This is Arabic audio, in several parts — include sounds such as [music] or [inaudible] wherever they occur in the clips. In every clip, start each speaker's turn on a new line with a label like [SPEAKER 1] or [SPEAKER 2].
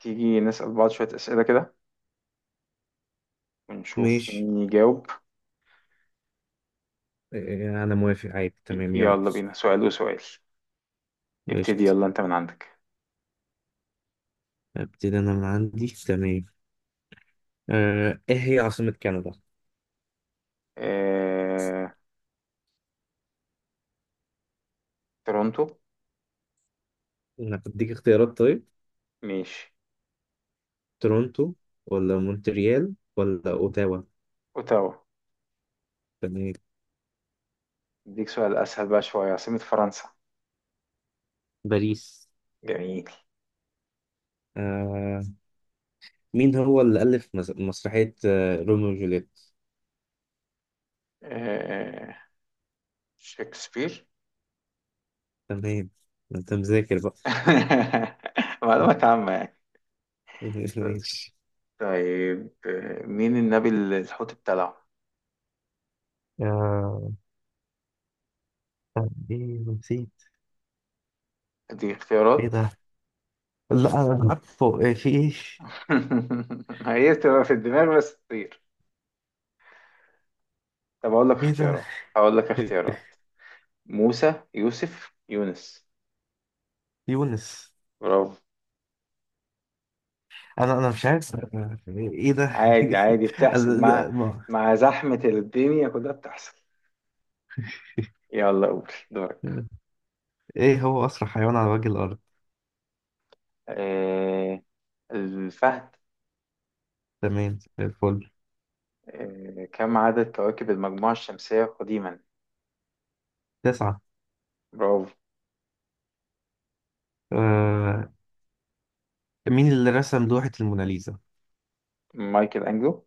[SPEAKER 1] تيجي نسأل بعض شوية أسئلة كده ونشوف
[SPEAKER 2] ماشي.
[SPEAKER 1] مين يجاوب.
[SPEAKER 2] آه، انا موافق عادي تمام، يلا.
[SPEAKER 1] يلا بينا سؤال وسؤال. ابتدي
[SPEAKER 2] قشطة.
[SPEAKER 1] يلا، أنت من عندك.
[SPEAKER 2] ابتدي انا من عندي، تمام. ايه هي عاصمة كندا؟
[SPEAKER 1] اه... تورونتو.
[SPEAKER 2] انا بديك اختيارات طيب.
[SPEAKER 1] ماشي.
[SPEAKER 2] تورونتو، ولا مونتريال، ولا اوتاوا؟
[SPEAKER 1] أوتاوا.
[SPEAKER 2] تمام.
[SPEAKER 1] أديك سؤال أسهل بقى شوية، عاصمة فرنسا؟
[SPEAKER 2] باريس.
[SPEAKER 1] جميل.
[SPEAKER 2] آه، مين هو اللي ألف مسرحية روميو وجولييت؟
[SPEAKER 1] اه... شكسبير.
[SPEAKER 2] تمام. ما انت مذاكر بقى.
[SPEAKER 1] [laughs] معلومات عامة يعني.
[SPEAKER 2] [laughs] ماشي.
[SPEAKER 1] طيب، مين النبي اللي الحوت بتاعه؟
[SPEAKER 2] آه، ايه، نسيت.
[SPEAKER 1] دي
[SPEAKER 2] ايه
[SPEAKER 1] اختيارات.
[SPEAKER 2] ده؟ لا، انا عارفه، إيه، في ايش.
[SPEAKER 1] [laughs] هي بتبقى في الدماغ بس تطير. طب أقول لك
[SPEAKER 2] ايه ده؟
[SPEAKER 1] اختيارات، هقول لك
[SPEAKER 2] [laughs]
[SPEAKER 1] اختيارات: موسى، يوسف، يونس.
[SPEAKER 2] يونس.
[SPEAKER 1] برافو.
[SPEAKER 2] انا مش عارف إيه ده.
[SPEAKER 1] عادي عادي،
[SPEAKER 2] [laughs] أنا-
[SPEAKER 1] بتحصل مع
[SPEAKER 2] ده- ما-
[SPEAKER 1] مع زحمة الدنيا كلها بتحصل. يلا قول دورك.
[SPEAKER 2] ايه هو اسرع حيوان على وجه الارض؟
[SPEAKER 1] آه الفهد.
[SPEAKER 2] تمام، زي الفل.
[SPEAKER 1] كم عدد كواكب المجموعة الشمسية قديما؟
[SPEAKER 2] تسعة.
[SPEAKER 1] برافو.
[SPEAKER 2] آه مين اللي رسم لوحة الموناليزا؟
[SPEAKER 1] مايكل أنجلو.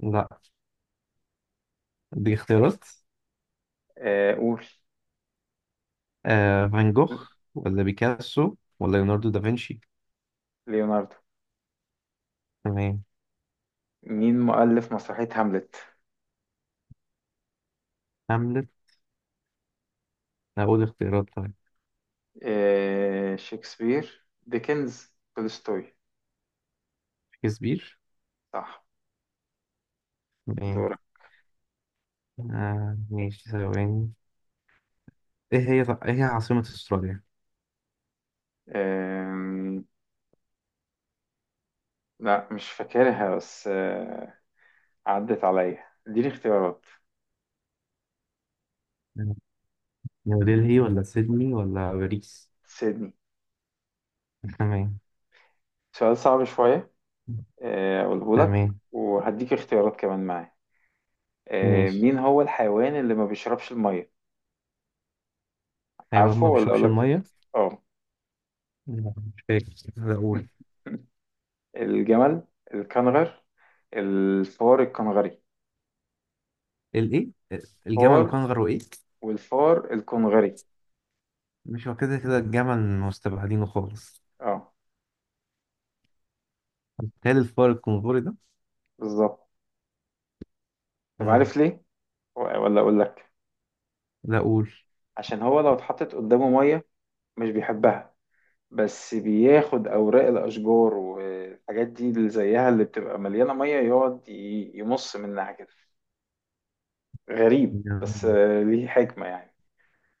[SPEAKER 2] لا، دي اختيارات.
[SPEAKER 1] آه، قول.
[SPEAKER 2] فان جوخ، ولا بيكاسو، ولا ليوناردو دافنشي؟
[SPEAKER 1] ليوناردو.
[SPEAKER 2] تمام.
[SPEAKER 1] مين مؤلف مسرحية هاملت؟
[SPEAKER 2] هاملت. اقول اختيارات طيب.
[SPEAKER 1] شكسبير، ديكنز، تولستوي.
[SPEAKER 2] شكسبير.
[SPEAKER 1] صح.
[SPEAKER 2] تمام.
[SPEAKER 1] دورك.
[SPEAKER 2] ماشي، ثواني. ايه هي عاصمة استراليا؟
[SPEAKER 1] آه لا مش فاكرها بس، عدت عليا، اديني اختيارات.
[SPEAKER 2] نيودلهي، ولا سيدني، ولا باريس؟
[SPEAKER 1] سيدني.
[SPEAKER 2] تمام.
[SPEAKER 1] سؤال صعب شوية، اقوله لك
[SPEAKER 2] تمام،
[SPEAKER 1] وهديك اختيارات كمان معاه.
[SPEAKER 2] ماشي.
[SPEAKER 1] مين هو الحيوان اللي ما بيشربش المية؟
[SPEAKER 2] حيوان
[SPEAKER 1] عارفه
[SPEAKER 2] ما
[SPEAKER 1] ولا اقول
[SPEAKER 2] بيشربش
[SPEAKER 1] لك؟
[SPEAKER 2] الميه؟
[SPEAKER 1] اه.
[SPEAKER 2] لا، مش فاكر. اقول.
[SPEAKER 1] [laughs] الجمل، الكنغر، الفار الكنغري.
[SPEAKER 2] الايه؟ الجمل، وكان
[SPEAKER 1] فار،
[SPEAKER 2] غيره ايه؟
[SPEAKER 1] والفار الكنغري.
[SPEAKER 2] مش هو كده كده الجمل مستبعدينه خالص؟
[SPEAKER 1] اه،
[SPEAKER 2] هل الفار الكنغوري ده؟
[SPEAKER 1] بالظبط. طب
[SPEAKER 2] آه.
[SPEAKER 1] عارف ليه ولا اقول لك؟
[SPEAKER 2] لا، اقول.
[SPEAKER 1] عشان هو لو اتحطت قدامه مية مش بيحبها. بس بياخد أوراق الأشجار والحاجات دي اللي زيها اللي بتبقى مليانة مية، يقعد يمص منها كده. غريب، بس
[SPEAKER 2] يعني-
[SPEAKER 1] ليه حكمة يعني.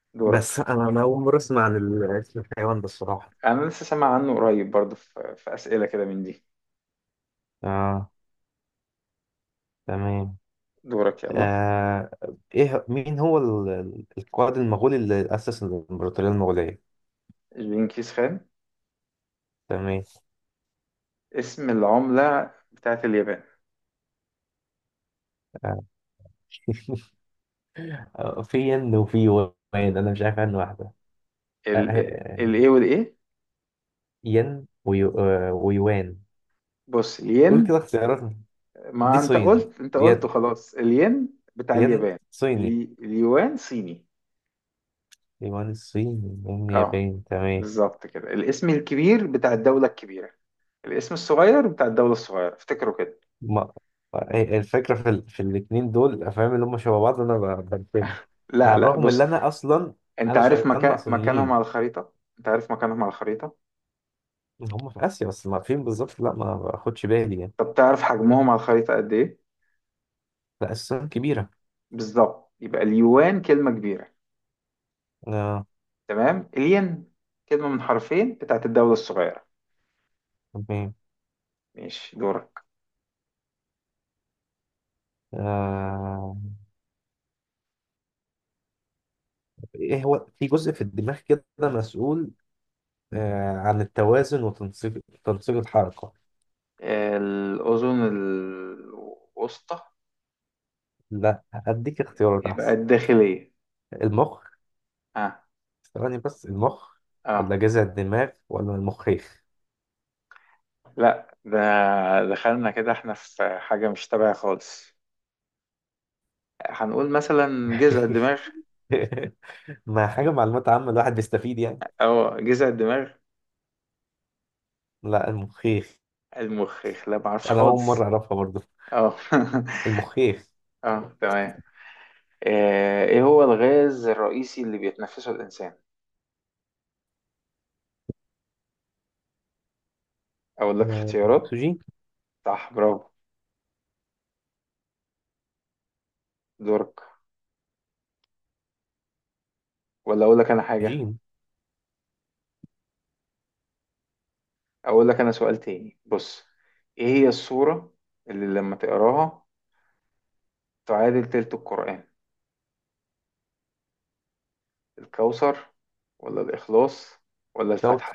[SPEAKER 2] [laughs] بس
[SPEAKER 1] دورك.
[SPEAKER 2] انا اول مره اسمع عن اسم الحيوان ده الصراحه.
[SPEAKER 1] أنا لسه سامع عنه قريب برضه في أسئلة كده من دي.
[SPEAKER 2] اه، تمام.
[SPEAKER 1] دورك يلا.
[SPEAKER 2] آه. ايه، مين هو القائد المغولي اللي اسس الامبراطوريه المغوليه؟
[SPEAKER 1] جنكيز خان.
[SPEAKER 2] تمام.
[SPEAKER 1] اسم العملة بتاعت اليابان.
[SPEAKER 2] آه. [laughs] في ين وفي وان. انا مش عارف عنه واحده. آه، آه،
[SPEAKER 1] ال
[SPEAKER 2] آه،
[SPEAKER 1] الايه والايه.
[SPEAKER 2] ين، ويوان.
[SPEAKER 1] بص،
[SPEAKER 2] قول
[SPEAKER 1] الين.
[SPEAKER 2] كده اختياراتنا.
[SPEAKER 1] ما
[SPEAKER 2] دي
[SPEAKER 1] انت
[SPEAKER 2] صين.
[SPEAKER 1] قلت، انت قلته
[SPEAKER 2] ين.
[SPEAKER 1] خلاص، الين، بتاع
[SPEAKER 2] ين
[SPEAKER 1] اليابان.
[SPEAKER 2] صيني.
[SPEAKER 1] اليوان صيني.
[SPEAKER 2] يوان الصيني، ين
[SPEAKER 1] اه،
[SPEAKER 2] ياباني، تمام.
[SPEAKER 1] بالظبط كده، الاسم الكبير بتاع الدولة الكبيرة، الاسم الصغير بتاع الدولة الصغيرة، افتكروا كده.
[SPEAKER 2] ما الفكرة في الاتنين دول الأفلام اللي هم شبه بعض، أنا بنفهم.
[SPEAKER 1] لا
[SPEAKER 2] على
[SPEAKER 1] لا،
[SPEAKER 2] الرغم إن
[SPEAKER 1] بص.
[SPEAKER 2] أنا أصلا
[SPEAKER 1] انت
[SPEAKER 2] أنا
[SPEAKER 1] عارف
[SPEAKER 2] شغال مع
[SPEAKER 1] مكانهم
[SPEAKER 2] صينيين،
[SPEAKER 1] على الخريطة، انت عارف مكانهم على الخريطة.
[SPEAKER 2] هم في آسيا، بس ما فين بالظبط، لا، ما باخدش بالي يعني.
[SPEAKER 1] طب تعرف حجمهم على الخريطة قد ايه؟
[SPEAKER 2] لا، الصين كبيرة.
[SPEAKER 1] بالظبط، يبقى اليوان كلمة كبيرة.
[SPEAKER 2] آه.
[SPEAKER 1] تمام. الين كلمة من حرفين بتاعت الدولة الصغيرة.
[SPEAKER 2] تمام.
[SPEAKER 1] ماشي، دورك.
[SPEAKER 2] آه إيه، هو في جزء في الدماغ كده مسؤول عن التوازن وتنسيق الحركة؟
[SPEAKER 1] الأذن الوسطى.
[SPEAKER 2] لا، أديك اختيارات
[SPEAKER 1] يبقى
[SPEAKER 2] أحسن.
[SPEAKER 1] الداخلية.
[SPEAKER 2] المخ؟
[SPEAKER 1] اه.
[SPEAKER 2] ثواني، بس المخ،
[SPEAKER 1] اه.
[SPEAKER 2] ولا جذع الدماغ، ولا المخيخ؟
[SPEAKER 1] لا، ده دخلنا كده احنا في حاجة مش تبع خالص. هنقول مثلا جذع الدماغ،
[SPEAKER 2] [laughs] ما حاجة معلومات عامة، الواحد بيستفيد يعني.
[SPEAKER 1] او جذع الدماغ،
[SPEAKER 2] لا، المخيخ.
[SPEAKER 1] المخ. لا، معرفش
[SPEAKER 2] أنا أول
[SPEAKER 1] خالص.
[SPEAKER 2] مرة أعرفها برضه.
[SPEAKER 1] اه.
[SPEAKER 2] المخيخ.
[SPEAKER 1] [laughs] اه، تمام. ايه هو الغاز الرئيسي اللي بيتنفسه الانسان؟ اقول لك اختيارات.
[SPEAKER 2] أكسجين.
[SPEAKER 1] صح، برافو. دورك. ولا اقول لك انا حاجة؟
[SPEAKER 2] أكسجين.
[SPEAKER 1] اقول لك انا سؤال تاني، بص. ايه هي السورة اللي لما تقراها تعادل تلت القرآن؟ الكوثر، ولا الإخلاص، ولا
[SPEAKER 2] كوثر.
[SPEAKER 1] الفاتحة؟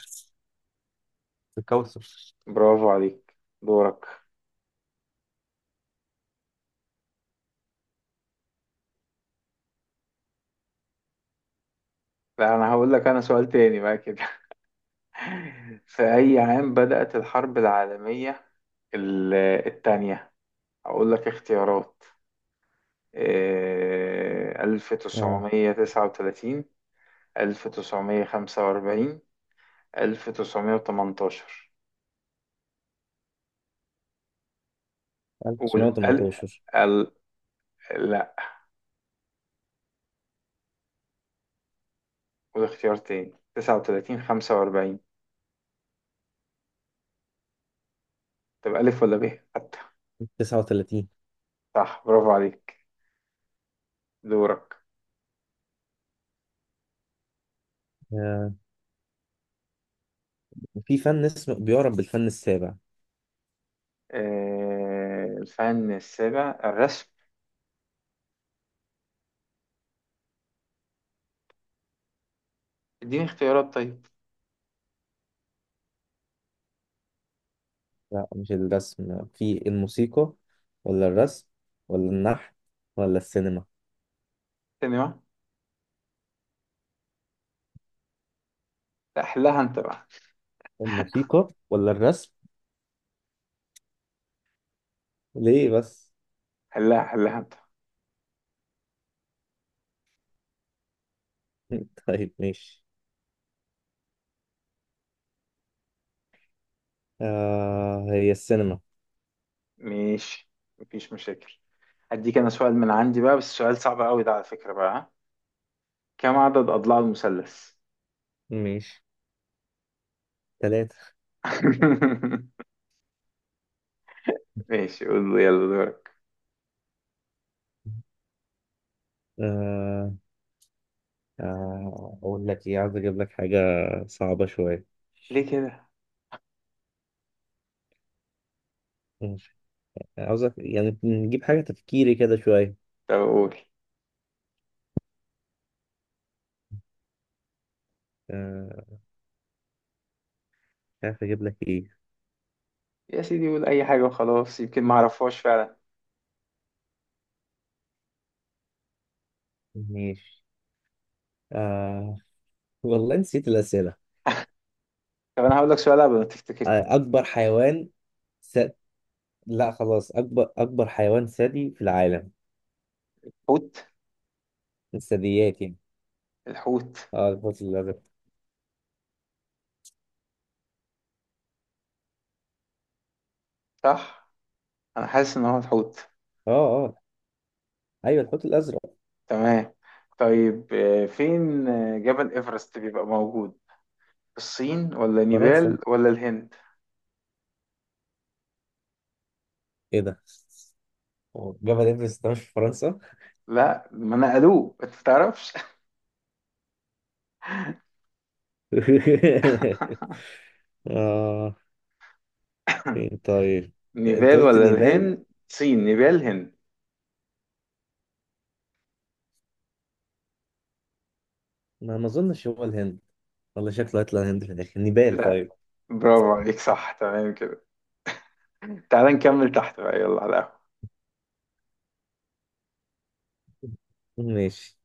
[SPEAKER 2] الكوثر.
[SPEAKER 1] برافو عليك. دورك. لا، أنا هقول لك أنا سؤال تاني بقى كده. [laughs] في أي عام بدأت الحرب العالمية ال- التانية؟ أقول لك اختيارات. ألف
[SPEAKER 2] اه.
[SPEAKER 1] تسعمية تسعة وتلاتين 1945، 1918. قول ال...
[SPEAKER 2] 1918.
[SPEAKER 1] ال... لا، قول اختيار تاني، 39، 45. طب ألف ولا ب حتى.
[SPEAKER 2] 39.
[SPEAKER 1] صح، برافو عليك. دورك.
[SPEAKER 2] آه، في فن اسمه بيعرف بالفن السابع.
[SPEAKER 1] الفن السابع، الرسم. اديني اختيارات طيب.
[SPEAKER 2] لا، مش الرسم. في الموسيقى، ولا الرسم، ولا النحت، ولا السينما؟
[SPEAKER 1] سينما. لا، حلها انت بقى.
[SPEAKER 2] الموسيقى ولا الرسم؟ ليه بس؟
[SPEAKER 1] حلها حلها انت.
[SPEAKER 2] [laughs] طيب، ماشي. هي السينما.
[SPEAKER 1] ماشي، مفيش مشاكل. هديك انا سؤال من عندي بقى، بس سؤال صعب قوي ده على فكرة بقى، ها؟ كم عدد اضلاع المثلث؟
[SPEAKER 2] ماشي. ثلاثة.
[SPEAKER 1] [laughs] ماشي، قول لي يلا دورك.
[SPEAKER 2] آه أقول لك إيه، عاوز أجيب لك حاجة صعبة شوية.
[SPEAKER 1] ليه كده؟
[SPEAKER 2] ماشي. عاوزك يعني نجيب حاجة تفكيري كده شوية.
[SPEAKER 1] طب قول.
[SPEAKER 2] آه مش عارف أجيب لك إيه.
[SPEAKER 1] يا سيدي قول اي حاجة وخلاص، يمكن ما اعرفهاش فعلا.
[SPEAKER 2] ماشي. آه والله نسيت الأسئلة.
[SPEAKER 1] طب انا هقول لك سؤال قبل ما تفتكر تاني.
[SPEAKER 2] أكبر حيوان س... لا خلاص، أكبر حيوان ثدي في العالم.
[SPEAKER 1] حوت.
[SPEAKER 2] الثدييات يعني.
[SPEAKER 1] الحوت.
[SPEAKER 2] اه، الحوت الأزرق.
[SPEAKER 1] صح. انا حاسس ان هو الحوت.
[SPEAKER 2] اه، اه، أيوه، الحوت الأزرق.
[SPEAKER 1] تمام. طيب، آه، فين آه، جبل إيفرست بيبقى موجود في الصين ولا نيبال
[SPEAKER 2] فرنسا.
[SPEAKER 1] ولا الهند؟
[SPEAKER 2] ايه ده؟ هو جبل ايفرست ده مش في فرنسا؟
[SPEAKER 1] لا، ما نقلوه، انت تعرفش.
[SPEAKER 2] [laughs]
[SPEAKER 1] [laughs]
[SPEAKER 2] اه، فين طيب؟ انت
[SPEAKER 1] نيبال
[SPEAKER 2] قلت
[SPEAKER 1] ولا
[SPEAKER 2] نيبال.
[SPEAKER 1] الهند؟ صين، نيبال، هند.
[SPEAKER 2] ما اظنش هو الهند. والله شكله هيطلع الهند في الاخر. نيبال
[SPEAKER 1] لا.
[SPEAKER 2] طيب.
[SPEAKER 1] برافو عليك، صح، تمام كده. تعال نكمل تحت بقى، يلا على القهوة.
[SPEAKER 2] ماشي.